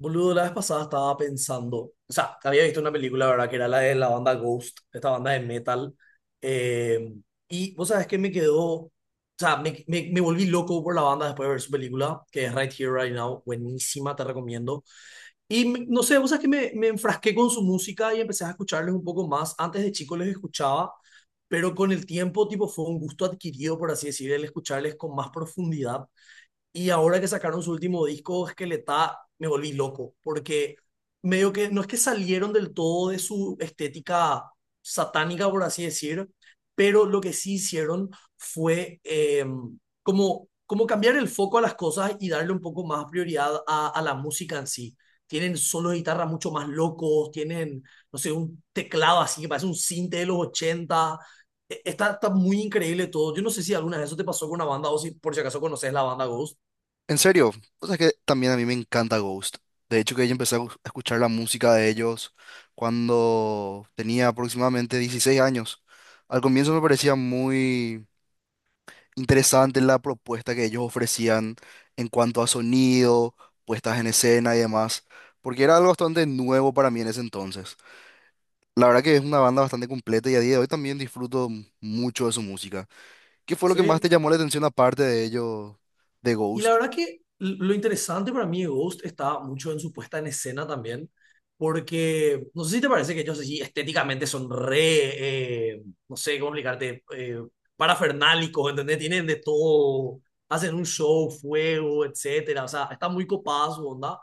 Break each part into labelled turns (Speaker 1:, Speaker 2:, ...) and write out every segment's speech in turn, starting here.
Speaker 1: Boludo, la vez pasada estaba pensando, o sea, había visto una película, ¿verdad? Que era la de la banda Ghost, esta banda de metal. eh, y vos sabés que me quedó, o sea, me volví loco por la banda después de ver su película, que es Right Here, Right Now, buenísima, te recomiendo. Y no sé, vos sabés que me enfrasqué con su música y empecé a escucharles un poco más. Antes de chico les escuchaba, pero con el tiempo, tipo, fue un gusto adquirido, por así decir, el escucharles con más profundidad. Y ahora que sacaron su último disco, Esqueleta, me volví loco, porque medio que no es que salieron del todo de su estética satánica, por así decir, pero lo que sí hicieron fue como cambiar el foco a las cosas y darle un poco más prioridad a la música en sí. Tienen solos de guitarra mucho más locos, tienen, no sé, un teclado así que parece un cinte de los 80. Está muy increíble todo. Yo no sé si alguna vez eso te pasó con una banda o si por si acaso conoces la banda Ghost.
Speaker 2: En serio, cosa que también a mí me encanta Ghost. De hecho, que yo empecé a escuchar la música de ellos cuando tenía aproximadamente 16 años. Al comienzo me parecía muy interesante la propuesta que ellos ofrecían en cuanto a sonido, puestas en escena y demás, porque era algo bastante nuevo para mí en ese entonces. La verdad que es una banda bastante completa y a día de hoy también disfruto mucho de su música. ¿Qué fue lo que más te
Speaker 1: Sí,
Speaker 2: llamó la atención aparte de ello, de
Speaker 1: y la
Speaker 2: Ghost?
Speaker 1: verdad que lo interesante para mí de Ghost está mucho en su puesta en escena también, porque no sé si te parece que ellos sí estéticamente son re, no sé cómo explicarte, parafernálicos, ¿entendés? Tienen de todo, hacen un show, fuego, etcétera, o sea, está muy copada su onda.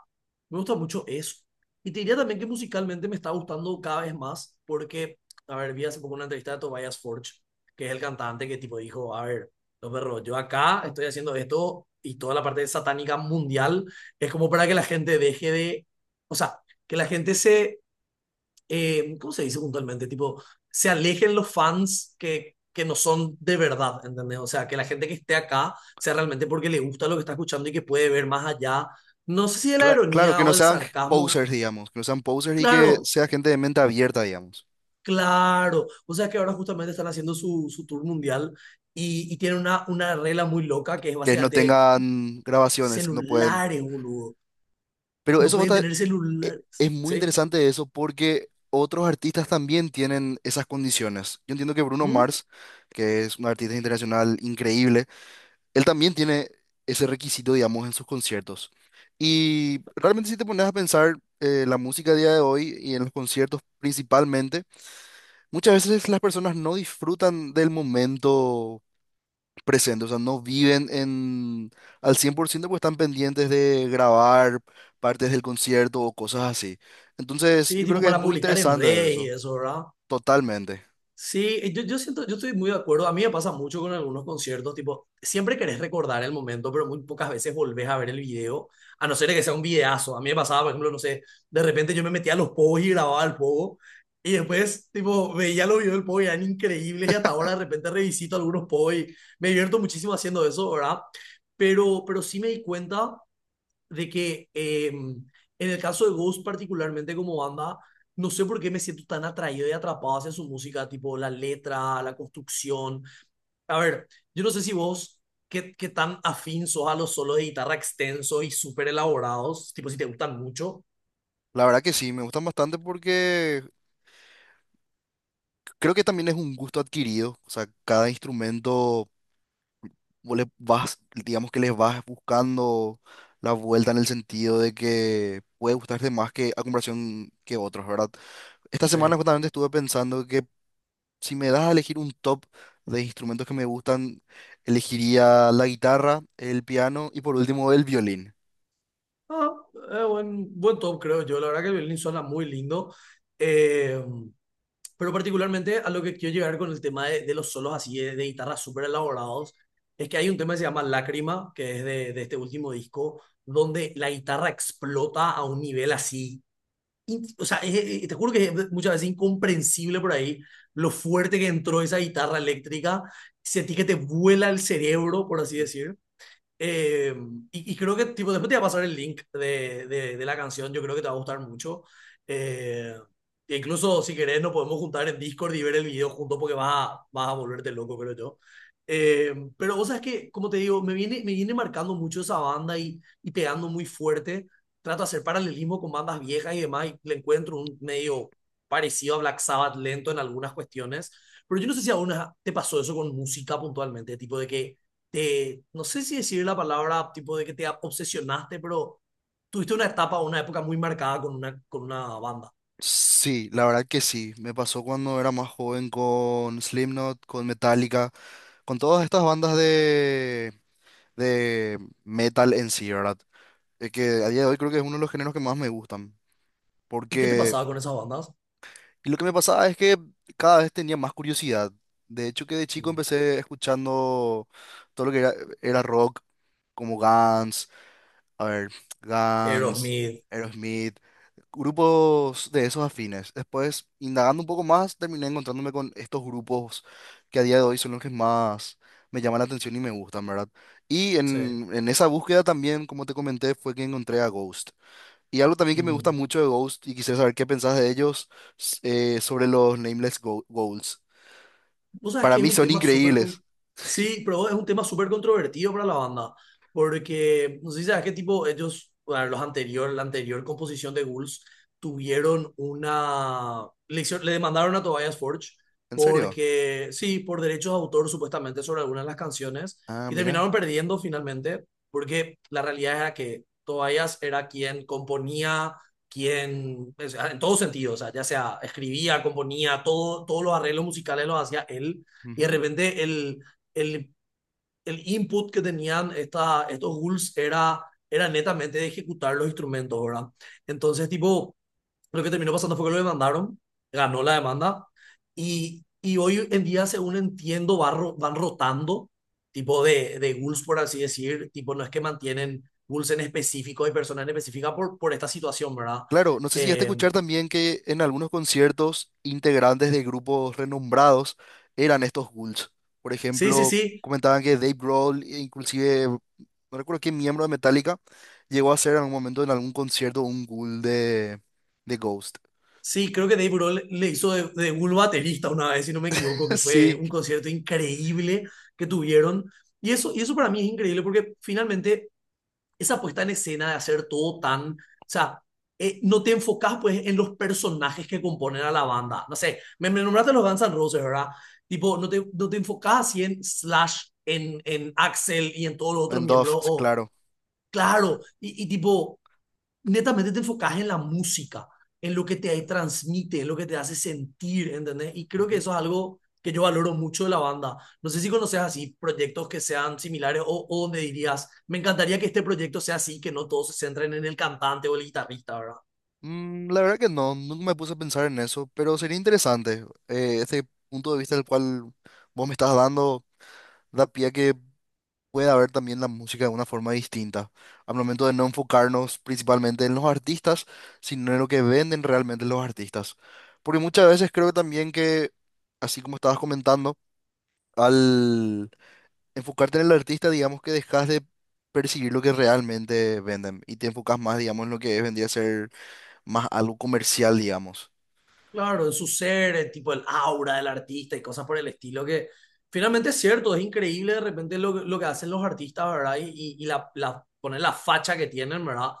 Speaker 1: Me gusta mucho eso. Y te diría también que musicalmente me está gustando cada vez más, porque, a ver, vi hace poco una entrevista de Tobias Forge, que es el cantante que tipo dijo, a ver no, perro, yo acá estoy haciendo esto y toda la parte satánica mundial es como para que la gente deje de, o sea, que la gente se, ¿cómo se dice puntualmente? Tipo, se alejen los fans que no son de verdad, ¿entendés? O sea, que la gente que esté acá sea realmente porque le gusta lo que está escuchando y que puede ver más allá, no sé si de la
Speaker 2: Claro, que
Speaker 1: ironía o
Speaker 2: no
Speaker 1: del
Speaker 2: sean
Speaker 1: sarcasmo,
Speaker 2: posers, digamos, que no sean posers y que
Speaker 1: claro,
Speaker 2: sea gente de mente abierta, digamos,
Speaker 1: claro, o sea que ahora justamente están haciendo su, su tour mundial. Y tienen una regla muy loca que es
Speaker 2: que no
Speaker 1: básicamente
Speaker 2: tengan grabaciones, que no pueden.
Speaker 1: celulares, boludo.
Speaker 2: Pero
Speaker 1: No
Speaker 2: eso va a
Speaker 1: pueden tener
Speaker 2: e-
Speaker 1: celulares,
Speaker 2: es muy
Speaker 1: ¿sí?
Speaker 2: interesante eso porque otros artistas también tienen esas condiciones. Yo entiendo que Bruno
Speaker 1: ¿Mm?
Speaker 2: Mars, que es un artista internacional increíble, él también tiene ese requisito, digamos, en sus conciertos. Y realmente si te pones a pensar la música a día de hoy y en los conciertos principalmente, muchas veces las personas no disfrutan del momento presente, o sea, no viven en al 100% porque están pendientes de grabar partes del concierto o cosas así. Entonces,
Speaker 1: Sí,
Speaker 2: yo creo
Speaker 1: tipo
Speaker 2: que es
Speaker 1: para
Speaker 2: muy
Speaker 1: publicar en
Speaker 2: interesante
Speaker 1: redes y
Speaker 2: eso,
Speaker 1: eso, ¿verdad?
Speaker 2: totalmente.
Speaker 1: Sí, yo siento, yo estoy muy de acuerdo. A mí me pasa mucho con algunos conciertos, tipo, siempre querés recordar el momento, pero muy pocas veces volvés a ver el video, a no ser que sea un videazo. A mí me pasaba, por ejemplo, no sé, de repente yo me metía a los pogos y grababa el pogo, y después, tipo, veía los videos del pogo y eran increíbles, y hasta ahora de repente revisito algunos pogos y me divierto muchísimo haciendo eso, ¿verdad? Pero sí me di cuenta de que en el caso de Ghost particularmente como banda, no sé por qué me siento tan atraído y atrapado hacia su música, tipo la letra, la construcción. A ver, yo no sé si vos, qué tan afín sos a los solos de guitarra extensos y súper elaborados, tipo si te gustan mucho.
Speaker 2: La verdad que sí, me gustan bastante porque creo que también es un gusto adquirido, o sea, cada instrumento vos le vas, digamos que les vas buscando la vuelta en el sentido de que puede gustarte más que a comparación que otros, ¿verdad? Esta
Speaker 1: Sí.
Speaker 2: semana justamente estuve pensando que si me das a elegir un top de instrumentos que me gustan, elegiría la guitarra, el piano y por último el violín.
Speaker 1: Ah, buen top, creo yo. La verdad que el violín suena muy lindo. Eh, Pero particularmente a lo que quiero llegar con el tema de los solos así de guitarras súper elaborados, es que hay un tema que se llama Lágrima, que es de este último disco, donde la guitarra explota a un nivel así. O sea, te juro que es muchas veces incomprensible por ahí lo fuerte que entró esa guitarra eléctrica. Sentí que te vuela el cerebro, por así
Speaker 2: Sí,
Speaker 1: decir. Eh, y creo que tipo, después te voy a pasar el link de, de la canción, yo creo que te va a gustar mucho. Eh, E incluso si querés nos podemos juntar en Discord y ver el video juntos porque vas a, vas a volverte loco, creo yo. Pero vos sabes que, como te digo, me viene marcando mucho esa banda y pegando muy fuerte. Trato de hacer paralelismo con bandas viejas y demás y le encuentro un medio parecido a Black Sabbath lento en algunas cuestiones. Pero yo no sé si a una te pasó eso con música puntualmente, tipo de que te, no sé si decir la palabra tipo de que te obsesionaste, pero tuviste una etapa, una época muy marcada con una banda.
Speaker 2: sí, la verdad que sí. Me pasó cuando era más joven con Slipknot, con Metallica, con todas estas bandas de metal en sí, ¿verdad? Que a día de hoy creo que es uno de los géneros que más me gustan.
Speaker 1: ¿Y qué te
Speaker 2: Porque
Speaker 1: pasaba con esas bandas?
Speaker 2: y lo que me pasaba es que cada vez tenía más curiosidad. De hecho, que de chico
Speaker 1: Mm.
Speaker 2: empecé escuchando todo lo que era, era rock, como Guns, a ver, Guns,
Speaker 1: Aerosmith,
Speaker 2: Aerosmith, grupos de esos afines. Después, indagando un poco más, terminé encontrándome con estos grupos que a día de hoy son los que más me llaman la atención y me gustan, ¿verdad? Y
Speaker 1: sí.
Speaker 2: en esa búsqueda también, como te comenté, fue que encontré a Ghost. Y algo también que me gusta
Speaker 1: Mm.
Speaker 2: mucho de Ghost, y quisiera saber qué pensás de ellos, s- sobre los Nameless Goals.
Speaker 1: Vos sabés
Speaker 2: Para
Speaker 1: que es
Speaker 2: mí
Speaker 1: un
Speaker 2: son
Speaker 1: tema súper...
Speaker 2: increíbles.
Speaker 1: Sí, pero es un tema súper controvertido para la banda, porque no sé si sabes qué tipo ellos, bueno, los anterior, la anterior composición de Ghouls tuvieron una... Le, le demandaron a Tobias Forge
Speaker 2: ¿En serio?
Speaker 1: porque, sí, por derechos de autor supuestamente sobre algunas de las canciones
Speaker 2: Ah,
Speaker 1: y
Speaker 2: mira.
Speaker 1: terminaron perdiendo finalmente porque la realidad era que Tobias era quien componía quien, o sea, en todos sentidos, o sea, ya sea escribía, componía, todo, todos los arreglos musicales los hacía él, y de repente el, el input que tenían esta, estos ghouls era, era netamente de ejecutar los instrumentos, ¿verdad? Entonces, tipo, lo que terminó pasando fue que lo demandaron, ganó la demanda y hoy en día, según entiendo, van rotando tipo de ghouls, por así decir, tipo no es que mantienen ghouls en específico y personas en específica por esta situación, ¿verdad?
Speaker 2: Claro, no sé si ya te
Speaker 1: Eh,
Speaker 2: escuchar también que en algunos conciertos integrantes de grupos renombrados eran estos ghouls. Por
Speaker 1: sí, sí,
Speaker 2: ejemplo,
Speaker 1: sí,
Speaker 2: comentaban que Dave Grohl, e inclusive, no recuerdo qué miembro de Metallica, llegó a ser en algún momento en algún concierto un ghoul de Ghost.
Speaker 1: sí, creo que Dave Grohl le hizo de, ghoul baterista una vez, si no me equivoco, que fue
Speaker 2: Sí,
Speaker 1: un concierto increíble que tuvieron. Y eso para mí es increíble porque finalmente esa puesta en escena de hacer todo tan, o sea, no te enfocas pues en los personajes que componen a la banda. No sé, me nombraste los Guns N' Roses, ¿verdad? Tipo, no te, no te enfocas así en Slash, en Axel y en todos los otros
Speaker 2: en Dove,
Speaker 1: miembros. O,
Speaker 2: claro.
Speaker 1: claro, y tipo, netamente te enfocas en la música, en lo que te transmite, en lo que te hace sentir, ¿entendés? Y creo que
Speaker 2: Ujú.
Speaker 1: eso es algo que yo valoro mucho de la banda. No sé si conoces así proyectos que sean similares o donde dirías, me encantaría que este proyecto sea así, que no todos se centren en el cantante o el guitarrista, ¿verdad?
Speaker 2: La verdad que no, nunca me puse a pensar en eso, pero sería interesante. Este punto de vista del cual vos me estás dando da pie a que pueda ver también la música de una forma distinta, al momento de no enfocarnos principalmente en los artistas, sino en lo que venden realmente los artistas. Porque muchas veces creo también que, así como estabas comentando, al enfocarte en el artista, digamos que dejas de perseguir lo que realmente venden y te enfocas más, digamos, en lo que vendría a ser más algo comercial, digamos.
Speaker 1: Claro, en su ser, el tipo el aura del artista y cosas por el estilo que finalmente es cierto, es increíble de repente lo que hacen los artistas, ¿verdad? Y, y la, poner la facha que tienen, ¿verdad?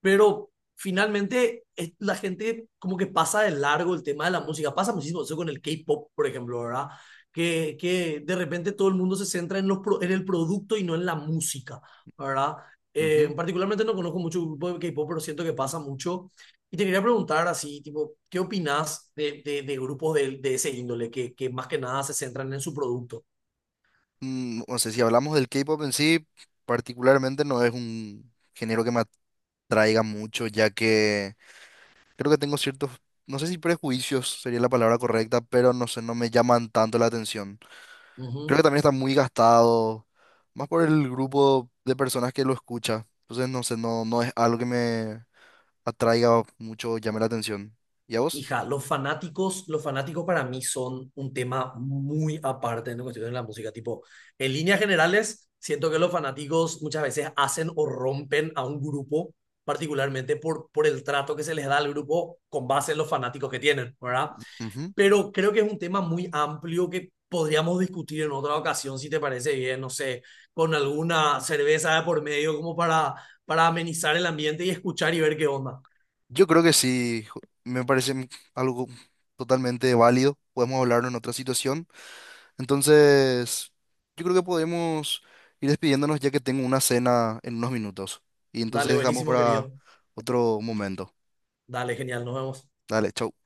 Speaker 1: Pero finalmente la gente como que pasa de largo el tema de la música, pasa muchísimo eso con el K-pop, por ejemplo, ¿verdad? Que de repente todo el mundo se centra en, los, en el producto y no en la música, ¿verdad?
Speaker 2: Ujú.
Speaker 1: Particularmente no conozco mucho grupo de K-pop, pero siento que pasa mucho y te quería preguntar así, tipo, ¿qué opinás de, de grupos de ese índole que más que nada se centran en su producto?
Speaker 2: No sé, si hablamos del K-pop en sí, particularmente no es un género que me atraiga mucho, ya que creo que tengo ciertos, no sé si prejuicios sería la palabra correcta, pero no sé, no me llaman tanto la atención. Creo
Speaker 1: Ujú.
Speaker 2: que también está muy gastado, más por el grupo de personas que lo escucha. Entonces, no sé, no, no es algo que me atraiga mucho, llame la atención. ¿Y a vos?
Speaker 1: Hija, los fanáticos para mí son un tema muy aparte en cuestión de la música. Tipo, en líneas generales, siento que los fanáticos muchas veces hacen o rompen a un grupo, particularmente por el trato que se les da al grupo con base en los fanáticos que tienen, ¿verdad?
Speaker 2: Ujú.
Speaker 1: Pero creo que es un tema muy amplio que podríamos discutir en otra ocasión, si te parece bien, no sé, con alguna cerveza de por medio como para amenizar el ambiente y escuchar y ver qué onda.
Speaker 2: Yo creo que sí, algo totalmente válido. Podemos hablarlo en otra situación. Entonces, yo creo que podemos ir despidiéndonos ya que tengo una cena en unos minutos. Y entonces
Speaker 1: Dale,
Speaker 2: dejamos
Speaker 1: buenísimo,
Speaker 2: para
Speaker 1: querido.
Speaker 2: otro momento.
Speaker 1: Dale, genial, nos vemos.
Speaker 2: Dale, chau.